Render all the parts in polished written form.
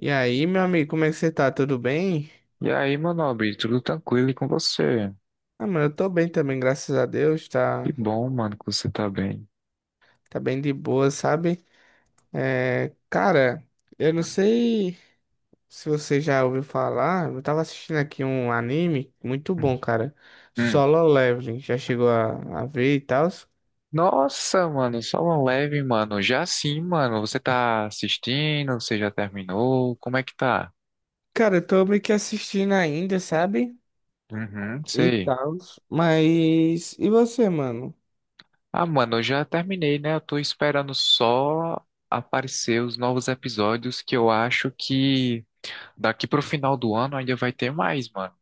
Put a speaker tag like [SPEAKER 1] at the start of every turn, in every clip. [SPEAKER 1] E aí, meu amigo, como é que você tá? Tudo bem?
[SPEAKER 2] E aí, meu nobre, tudo tranquilo e com você?
[SPEAKER 1] Ah, mano, eu tô bem também, graças a Deus.
[SPEAKER 2] Que
[SPEAKER 1] Tá,
[SPEAKER 2] bom, mano, que você tá bem.
[SPEAKER 1] tá bem de boa, sabe? É, cara, eu não sei se você já ouviu falar. Eu tava assistindo aqui um anime muito bom, cara.
[SPEAKER 2] Hum.
[SPEAKER 1] Solo Leveling. Já chegou a ver e tal?
[SPEAKER 2] Nossa, mano, só uma leve, mano. Já sim, mano, você tá assistindo? Você já terminou? Como é que tá?
[SPEAKER 1] Cara, eu tô meio que assistindo ainda, sabe?
[SPEAKER 2] Uhum.
[SPEAKER 1] E
[SPEAKER 2] Sei.
[SPEAKER 1] tal. Mas. E você, mano?
[SPEAKER 2] Ah, mano, eu já terminei, né? Eu tô esperando só aparecer os novos episódios que eu acho que daqui pro final do ano ainda vai ter mais, mano.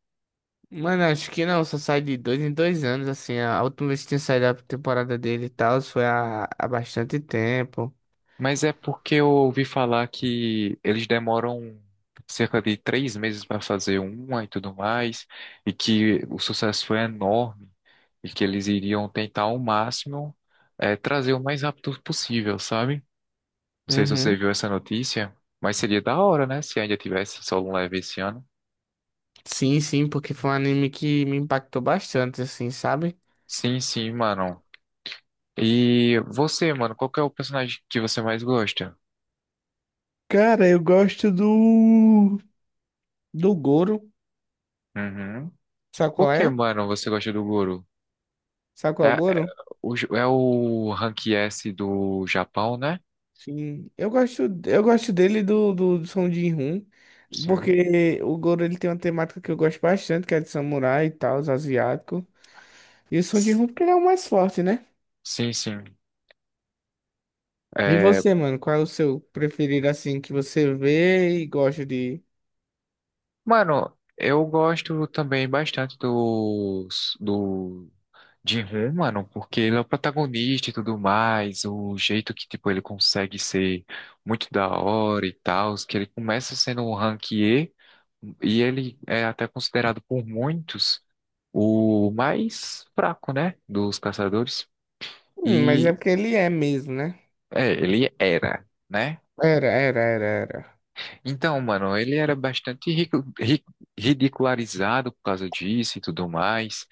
[SPEAKER 1] Mano, acho que não, só sai de dois em dois anos, assim. A última vez que tinha saído a temporada dele e tal foi há bastante tempo.
[SPEAKER 2] Mas é porque eu ouvi falar que eles demoram cerca de 3 meses para fazer uma e tudo mais, e que o sucesso foi enorme, e que eles iriam tentar ao máximo trazer o mais rápido possível, sabe? Não sei se você
[SPEAKER 1] Uhum.
[SPEAKER 2] viu essa notícia, mas seria da hora, né? Se ainda tivesse solo um leve esse ano.
[SPEAKER 1] Sim, sim, porque foi um anime que me impactou bastante, assim, sabe?
[SPEAKER 2] Sim, sim, mano. E você, mano, qual que é o personagem que você mais gosta?
[SPEAKER 1] Cara, eu gosto do. Do Goro.
[SPEAKER 2] Uhum.
[SPEAKER 1] Sabe
[SPEAKER 2] Por
[SPEAKER 1] qual
[SPEAKER 2] que,
[SPEAKER 1] é?
[SPEAKER 2] mano, você gosta do Goro?
[SPEAKER 1] Sabe
[SPEAKER 2] É,
[SPEAKER 1] qual é o
[SPEAKER 2] é,
[SPEAKER 1] Goro?
[SPEAKER 2] É o Rank S do Japão, né?
[SPEAKER 1] Sim. Eu gosto dele e do Song Jin-hoon.
[SPEAKER 2] Sim.
[SPEAKER 1] Porque o Goro ele tem uma temática que eu gosto bastante, que é de samurai e tal, os asiático. E o Song
[SPEAKER 2] S-
[SPEAKER 1] Jin-hoon porque ele é o mais forte, né?
[SPEAKER 2] Sim, sim.
[SPEAKER 1] E
[SPEAKER 2] É,
[SPEAKER 1] você, mano, qual é o seu preferido assim que você vê e gosta de.
[SPEAKER 2] mano, eu gosto também bastante do Jin-Hoon, mano, porque ele é o protagonista e tudo mais, o jeito que, tipo, ele consegue ser muito da hora e tal, que ele começa sendo um rank E, e ele é até considerado por muitos o mais fraco, né, dos caçadores.
[SPEAKER 1] Mas é
[SPEAKER 2] E
[SPEAKER 1] porque ele é mesmo, né?
[SPEAKER 2] É, ele era, né?
[SPEAKER 1] Era, era, era, era.
[SPEAKER 2] Então, mano, ele era bastante ridicularizado por causa disso e tudo mais.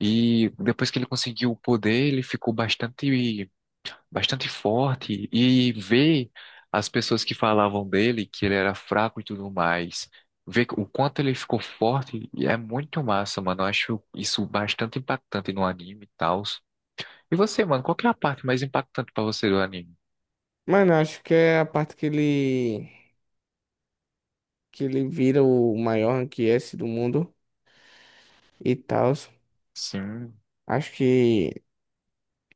[SPEAKER 2] E depois que ele conseguiu o poder, ele ficou bastante, bastante forte. E ver as pessoas que falavam dele, que ele era fraco e tudo mais, ver o quanto ele ficou forte, e é muito massa, mano. Eu acho isso bastante impactante no anime e tal. E você, mano, qual que é a parte mais impactante pra você do anime?
[SPEAKER 1] Mano, acho que é a parte que ele. Que ele vira o maior anquiesse do mundo e tal.
[SPEAKER 2] Sim,
[SPEAKER 1] Acho que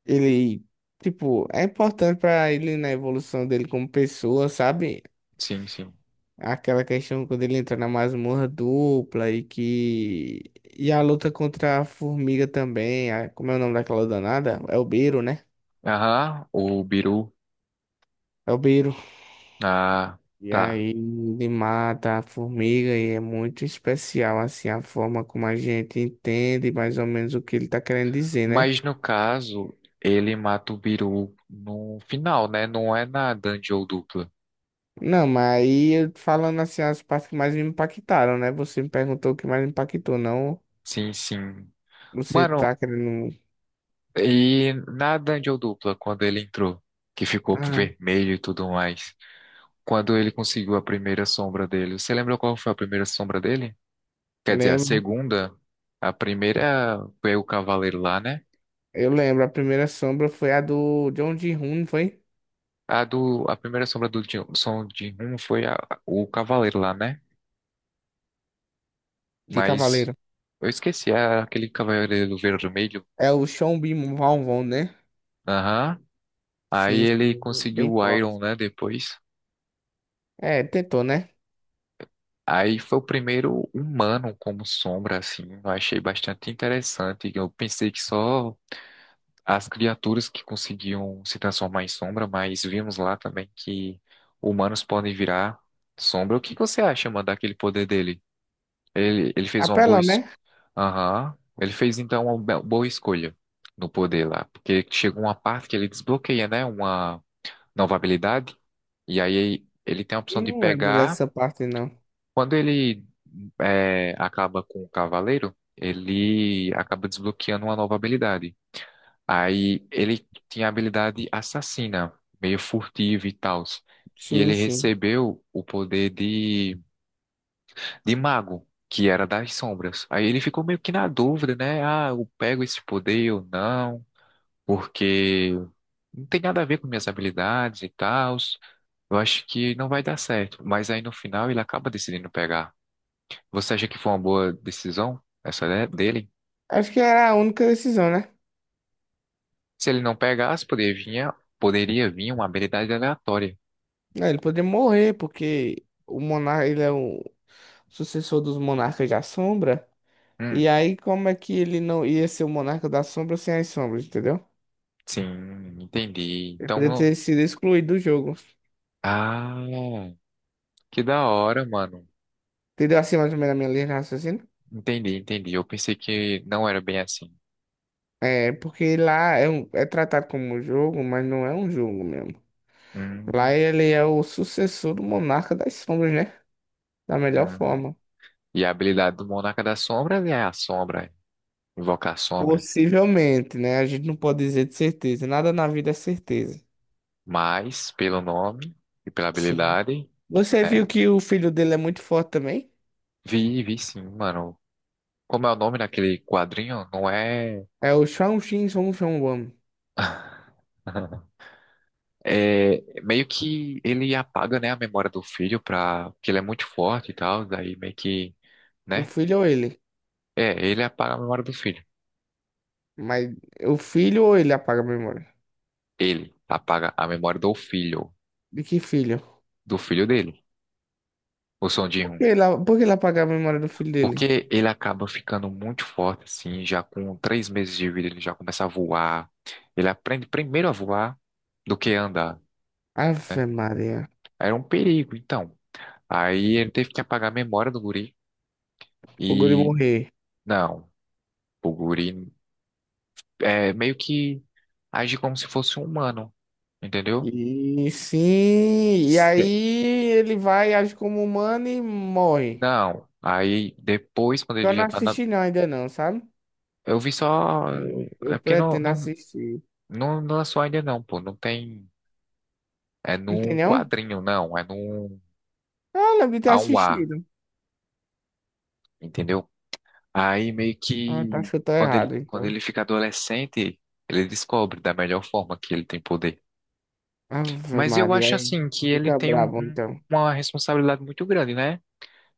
[SPEAKER 1] ele. Tipo, é importante pra ele na evolução dele como pessoa, sabe?
[SPEAKER 2] sim, sim.
[SPEAKER 1] Aquela questão quando ele entra na masmorra dupla e que. E a luta contra a formiga também. Como é o nome daquela danada? É o Beiro, né?
[SPEAKER 2] Aham, o Biru.
[SPEAKER 1] É o Beiro.
[SPEAKER 2] Ah,
[SPEAKER 1] E
[SPEAKER 2] tá.
[SPEAKER 1] aí ele mata a formiga e é muito especial, assim, a forma como a gente entende mais ou menos o que ele tá querendo dizer, né?
[SPEAKER 2] Mas no caso, ele mata o Biru no final, né? Não é na dungeon dupla.
[SPEAKER 1] Não, mas aí falando assim, as partes que mais me impactaram, né? Você me perguntou o que mais me impactou, não?
[SPEAKER 2] Sim, sim.
[SPEAKER 1] Você tá
[SPEAKER 2] Mano,
[SPEAKER 1] querendo.
[SPEAKER 2] e na dungeon dupla, quando ele entrou, que ficou
[SPEAKER 1] Ah,
[SPEAKER 2] vermelho e tudo mais, quando ele conseguiu a primeira sombra dele, você lembra qual foi a primeira sombra dele? Quer dizer, a
[SPEAKER 1] lembro.
[SPEAKER 2] segunda? A primeira foi o cavaleiro lá, né?
[SPEAKER 1] Eu lembro, a primeira sombra foi a do John Ji-hoon, não foi?
[SPEAKER 2] A primeira sombra do som de Hun foi o cavaleiro lá, né?
[SPEAKER 1] De
[SPEAKER 2] Mas
[SPEAKER 1] Cavaleiro.
[SPEAKER 2] Eu esqueci, é aquele Cavaleiro Vermelho.
[SPEAKER 1] É o Sean Bin Van, né?
[SPEAKER 2] Aham. Aí
[SPEAKER 1] Sim,
[SPEAKER 2] ele
[SPEAKER 1] sim,
[SPEAKER 2] conseguiu
[SPEAKER 1] bem
[SPEAKER 2] o Iron,
[SPEAKER 1] forte.
[SPEAKER 2] né, depois.
[SPEAKER 1] É, tentou, né?
[SPEAKER 2] Aí foi o primeiro humano como sombra, assim. Eu achei bastante interessante. Eu pensei que só as criaturas que conseguiam se transformar em sombra, mas vimos lá também que humanos podem virar sombra. O que que você acha, mano, daquele poder dele? Ele fez uma boa...
[SPEAKER 1] Apelão,
[SPEAKER 2] es-
[SPEAKER 1] né?
[SPEAKER 2] Aham. Ele fez, então, uma boa escolha no poder lá. Porque chegou uma parte que ele desbloqueia, né, uma novabilidade. E aí ele tem a opção de
[SPEAKER 1] Não lembro
[SPEAKER 2] pegar.
[SPEAKER 1] dessa parte, não.
[SPEAKER 2] Quando ele acaba com o cavaleiro, ele acaba desbloqueando uma nova habilidade. Aí ele tinha a habilidade assassina, meio furtiva e tal. E
[SPEAKER 1] Sim,
[SPEAKER 2] ele
[SPEAKER 1] sim.
[SPEAKER 2] recebeu o poder de mago, que era das sombras. Aí ele ficou meio que na dúvida, né? Ah, eu pego esse poder ou não? Porque não tem nada a ver com minhas habilidades e tal. Eu acho que não vai dar certo. Mas aí no final ele acaba decidindo pegar. Você acha que foi uma boa decisão essa dele?
[SPEAKER 1] Acho que era a única decisão, né?
[SPEAKER 2] Se ele não pegasse, poderia vir uma habilidade aleatória.
[SPEAKER 1] É, ele poderia morrer, porque o monarca, ele é o sucessor dos monarcas da sombra. E
[SPEAKER 2] Hum,
[SPEAKER 1] aí, como é que ele não ia ser o monarca da sombra sem as sombras, entendeu?
[SPEAKER 2] sim, entendi.
[SPEAKER 1] Ele
[SPEAKER 2] Então,
[SPEAKER 1] poderia ter sido excluído do jogo.
[SPEAKER 2] ah, que da hora, mano.
[SPEAKER 1] Entendeu assim mais ou menos a minha linha de raciocínio?
[SPEAKER 2] Entendi, entendi. Eu pensei que não era bem assim.
[SPEAKER 1] É, porque lá é, é tratado como um jogo, mas não é um jogo mesmo. Lá
[SPEAKER 2] Hum,
[SPEAKER 1] ele é o sucessor do Monarca das Sombras, né? Da melhor
[SPEAKER 2] hum.
[SPEAKER 1] forma.
[SPEAKER 2] E a habilidade do Monarca das Sombras é a sombra, invocar a sombra.
[SPEAKER 1] Possivelmente, né? A gente não pode dizer de certeza. Nada na vida é certeza.
[SPEAKER 2] Mas, pelo nome e pela
[SPEAKER 1] Sim.
[SPEAKER 2] habilidade,
[SPEAKER 1] Você
[SPEAKER 2] é.
[SPEAKER 1] viu que o filho dele é muito forte também?
[SPEAKER 2] Vi, vi sim, mano. Como é o nome daquele quadrinho? Não é.
[SPEAKER 1] É o Shang Xin Song Shang Wan.
[SPEAKER 2] É meio que ele apaga, né, a memória do filho pra. Porque ele é muito forte e tal. Daí meio que,
[SPEAKER 1] O
[SPEAKER 2] né?
[SPEAKER 1] filho ou ele?
[SPEAKER 2] É, ele apaga a memória do filho.
[SPEAKER 1] Mas o filho ou ele apaga a memória?
[SPEAKER 2] Ele apaga a memória do filho.
[SPEAKER 1] De que filho?
[SPEAKER 2] Do filho dele. O Son Jin-Hoon.
[SPEAKER 1] Por que ele apaga a memória do filho dele?
[SPEAKER 2] Porque ele acaba ficando muito forte, assim, já com 3 meses de vida, ele já começa a voar. Ele aprende primeiro a voar do que andar. Né?
[SPEAKER 1] Ave Maria.
[SPEAKER 2] Era um perigo, então. Aí ele teve que apagar a memória do guri
[SPEAKER 1] O guri
[SPEAKER 2] e
[SPEAKER 1] morrer.
[SPEAKER 2] não, o guri é meio que age como se fosse um humano, entendeu?
[SPEAKER 1] E sim, e aí
[SPEAKER 2] Se-
[SPEAKER 1] ele vai, age como humano e morre.
[SPEAKER 2] Não. Aí depois, quando
[SPEAKER 1] Eu
[SPEAKER 2] ele
[SPEAKER 1] não
[SPEAKER 2] já tá na.
[SPEAKER 1] assisti não, ainda não, sabe?
[SPEAKER 2] Eu vi só.
[SPEAKER 1] Aí Eu,
[SPEAKER 2] É
[SPEAKER 1] eu
[SPEAKER 2] porque
[SPEAKER 1] pretendo assistir.
[SPEAKER 2] não lançou ainda, não, pô. Não tem. É num
[SPEAKER 1] Entendeu?
[SPEAKER 2] quadrinho, não. É num
[SPEAKER 1] Ah, lembro de ter
[SPEAKER 2] a um A,
[SPEAKER 1] assistido.
[SPEAKER 2] entendeu? Aí meio
[SPEAKER 1] Ah, tá,
[SPEAKER 2] que
[SPEAKER 1] chutou
[SPEAKER 2] quando ele,
[SPEAKER 1] errado,
[SPEAKER 2] quando
[SPEAKER 1] então.
[SPEAKER 2] ele fica adolescente, ele descobre da melhor forma que ele tem poder.
[SPEAKER 1] Ave
[SPEAKER 2] Mas eu
[SPEAKER 1] Maria,
[SPEAKER 2] acho
[SPEAKER 1] aí
[SPEAKER 2] assim que ele
[SPEAKER 1] fica
[SPEAKER 2] tem
[SPEAKER 1] brabo, então.
[SPEAKER 2] uma responsabilidade muito grande, né?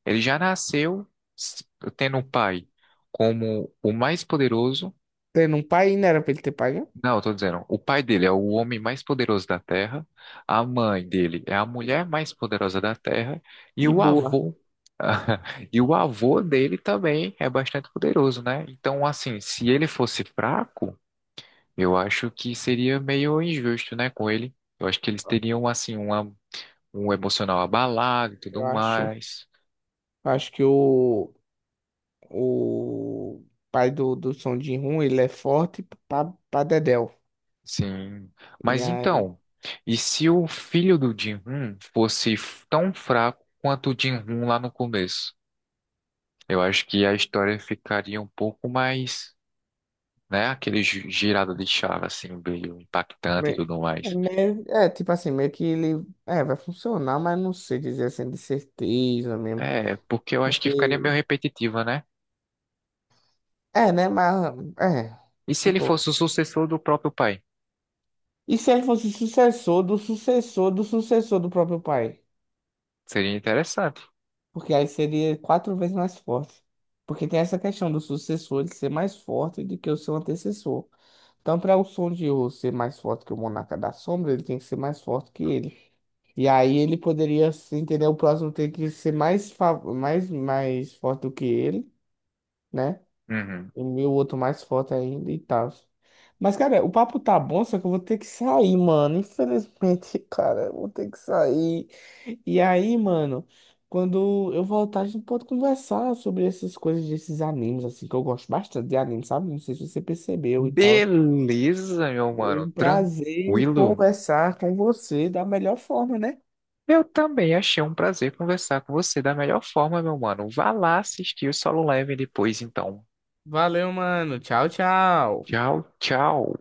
[SPEAKER 2] Ele já nasceu s- tendo um pai como o mais poderoso.
[SPEAKER 1] Tendo um pai, não era pra ele ter pai, né?
[SPEAKER 2] Não, eu tô dizendo, o pai dele é o homem mais poderoso da Terra, a mãe dele é a mulher mais poderosa da Terra e
[SPEAKER 1] E
[SPEAKER 2] o
[SPEAKER 1] boa,
[SPEAKER 2] avô e o avô dele também é bastante poderoso, né? Então, assim, se ele fosse fraco, eu acho que seria meio injusto, né, com ele. Eu acho que eles teriam assim uma um emocional abalado e tudo
[SPEAKER 1] eu acho.
[SPEAKER 2] mais.
[SPEAKER 1] Eu acho que o pai do, do Son jin ele é forte pra, pra dedéu.
[SPEAKER 2] Sim.
[SPEAKER 1] E
[SPEAKER 2] Mas
[SPEAKER 1] aí
[SPEAKER 2] então, e se o filho do Jin-hoon fosse tão fraco quanto o Jin-hoon lá no começo? Eu acho que a história ficaria um pouco mais, né, aquele girada de chave assim, meio impactante e
[SPEAKER 1] Me-
[SPEAKER 2] tudo mais.
[SPEAKER 1] meio, é, tipo assim, meio que ele é, vai funcionar, mas não sei dizer assim de certeza mesmo.
[SPEAKER 2] É, porque eu acho que ficaria
[SPEAKER 1] Porque,
[SPEAKER 2] meio repetitiva, né?
[SPEAKER 1] é, né? Mas, é,
[SPEAKER 2] E se ele
[SPEAKER 1] tipo,
[SPEAKER 2] fosse o sucessor do próprio pai?
[SPEAKER 1] e se ele fosse sucessor do sucessor do sucessor do próprio pai?
[SPEAKER 2] Seria interessante.
[SPEAKER 1] Porque aí seria quatro vezes mais forte. Porque tem essa questão do sucessor ele ser mais forte do que o seu antecessor. Então, para o Son de Ryu ser mais forte que o Monarca da Sombra, ele tem que ser mais forte que ele. E aí ele poderia, se entender, o próximo ter que ser mais, mais, mais forte do que ele, né?
[SPEAKER 2] Uhum.
[SPEAKER 1] E o outro mais forte ainda e tal. Mas, cara, o papo tá bom, só que eu vou ter que sair, mano. Infelizmente, cara, eu vou ter que sair. E aí, mano, quando eu voltar, a gente pode conversar sobre essas coisas desses animes, assim, que eu gosto bastante de anime, sabe? Não sei se você percebeu e tal.
[SPEAKER 2] Beleza, meu
[SPEAKER 1] Foi
[SPEAKER 2] mano.
[SPEAKER 1] um prazer
[SPEAKER 2] Tranquilo.
[SPEAKER 1] conversar com você da melhor forma, né?
[SPEAKER 2] Eu também achei um prazer conversar com você da melhor forma, meu mano. Vá lá assistir o Solo Leveling depois, então.
[SPEAKER 1] Valeu, mano. Tchau, tchau.
[SPEAKER 2] Tchau, tchau.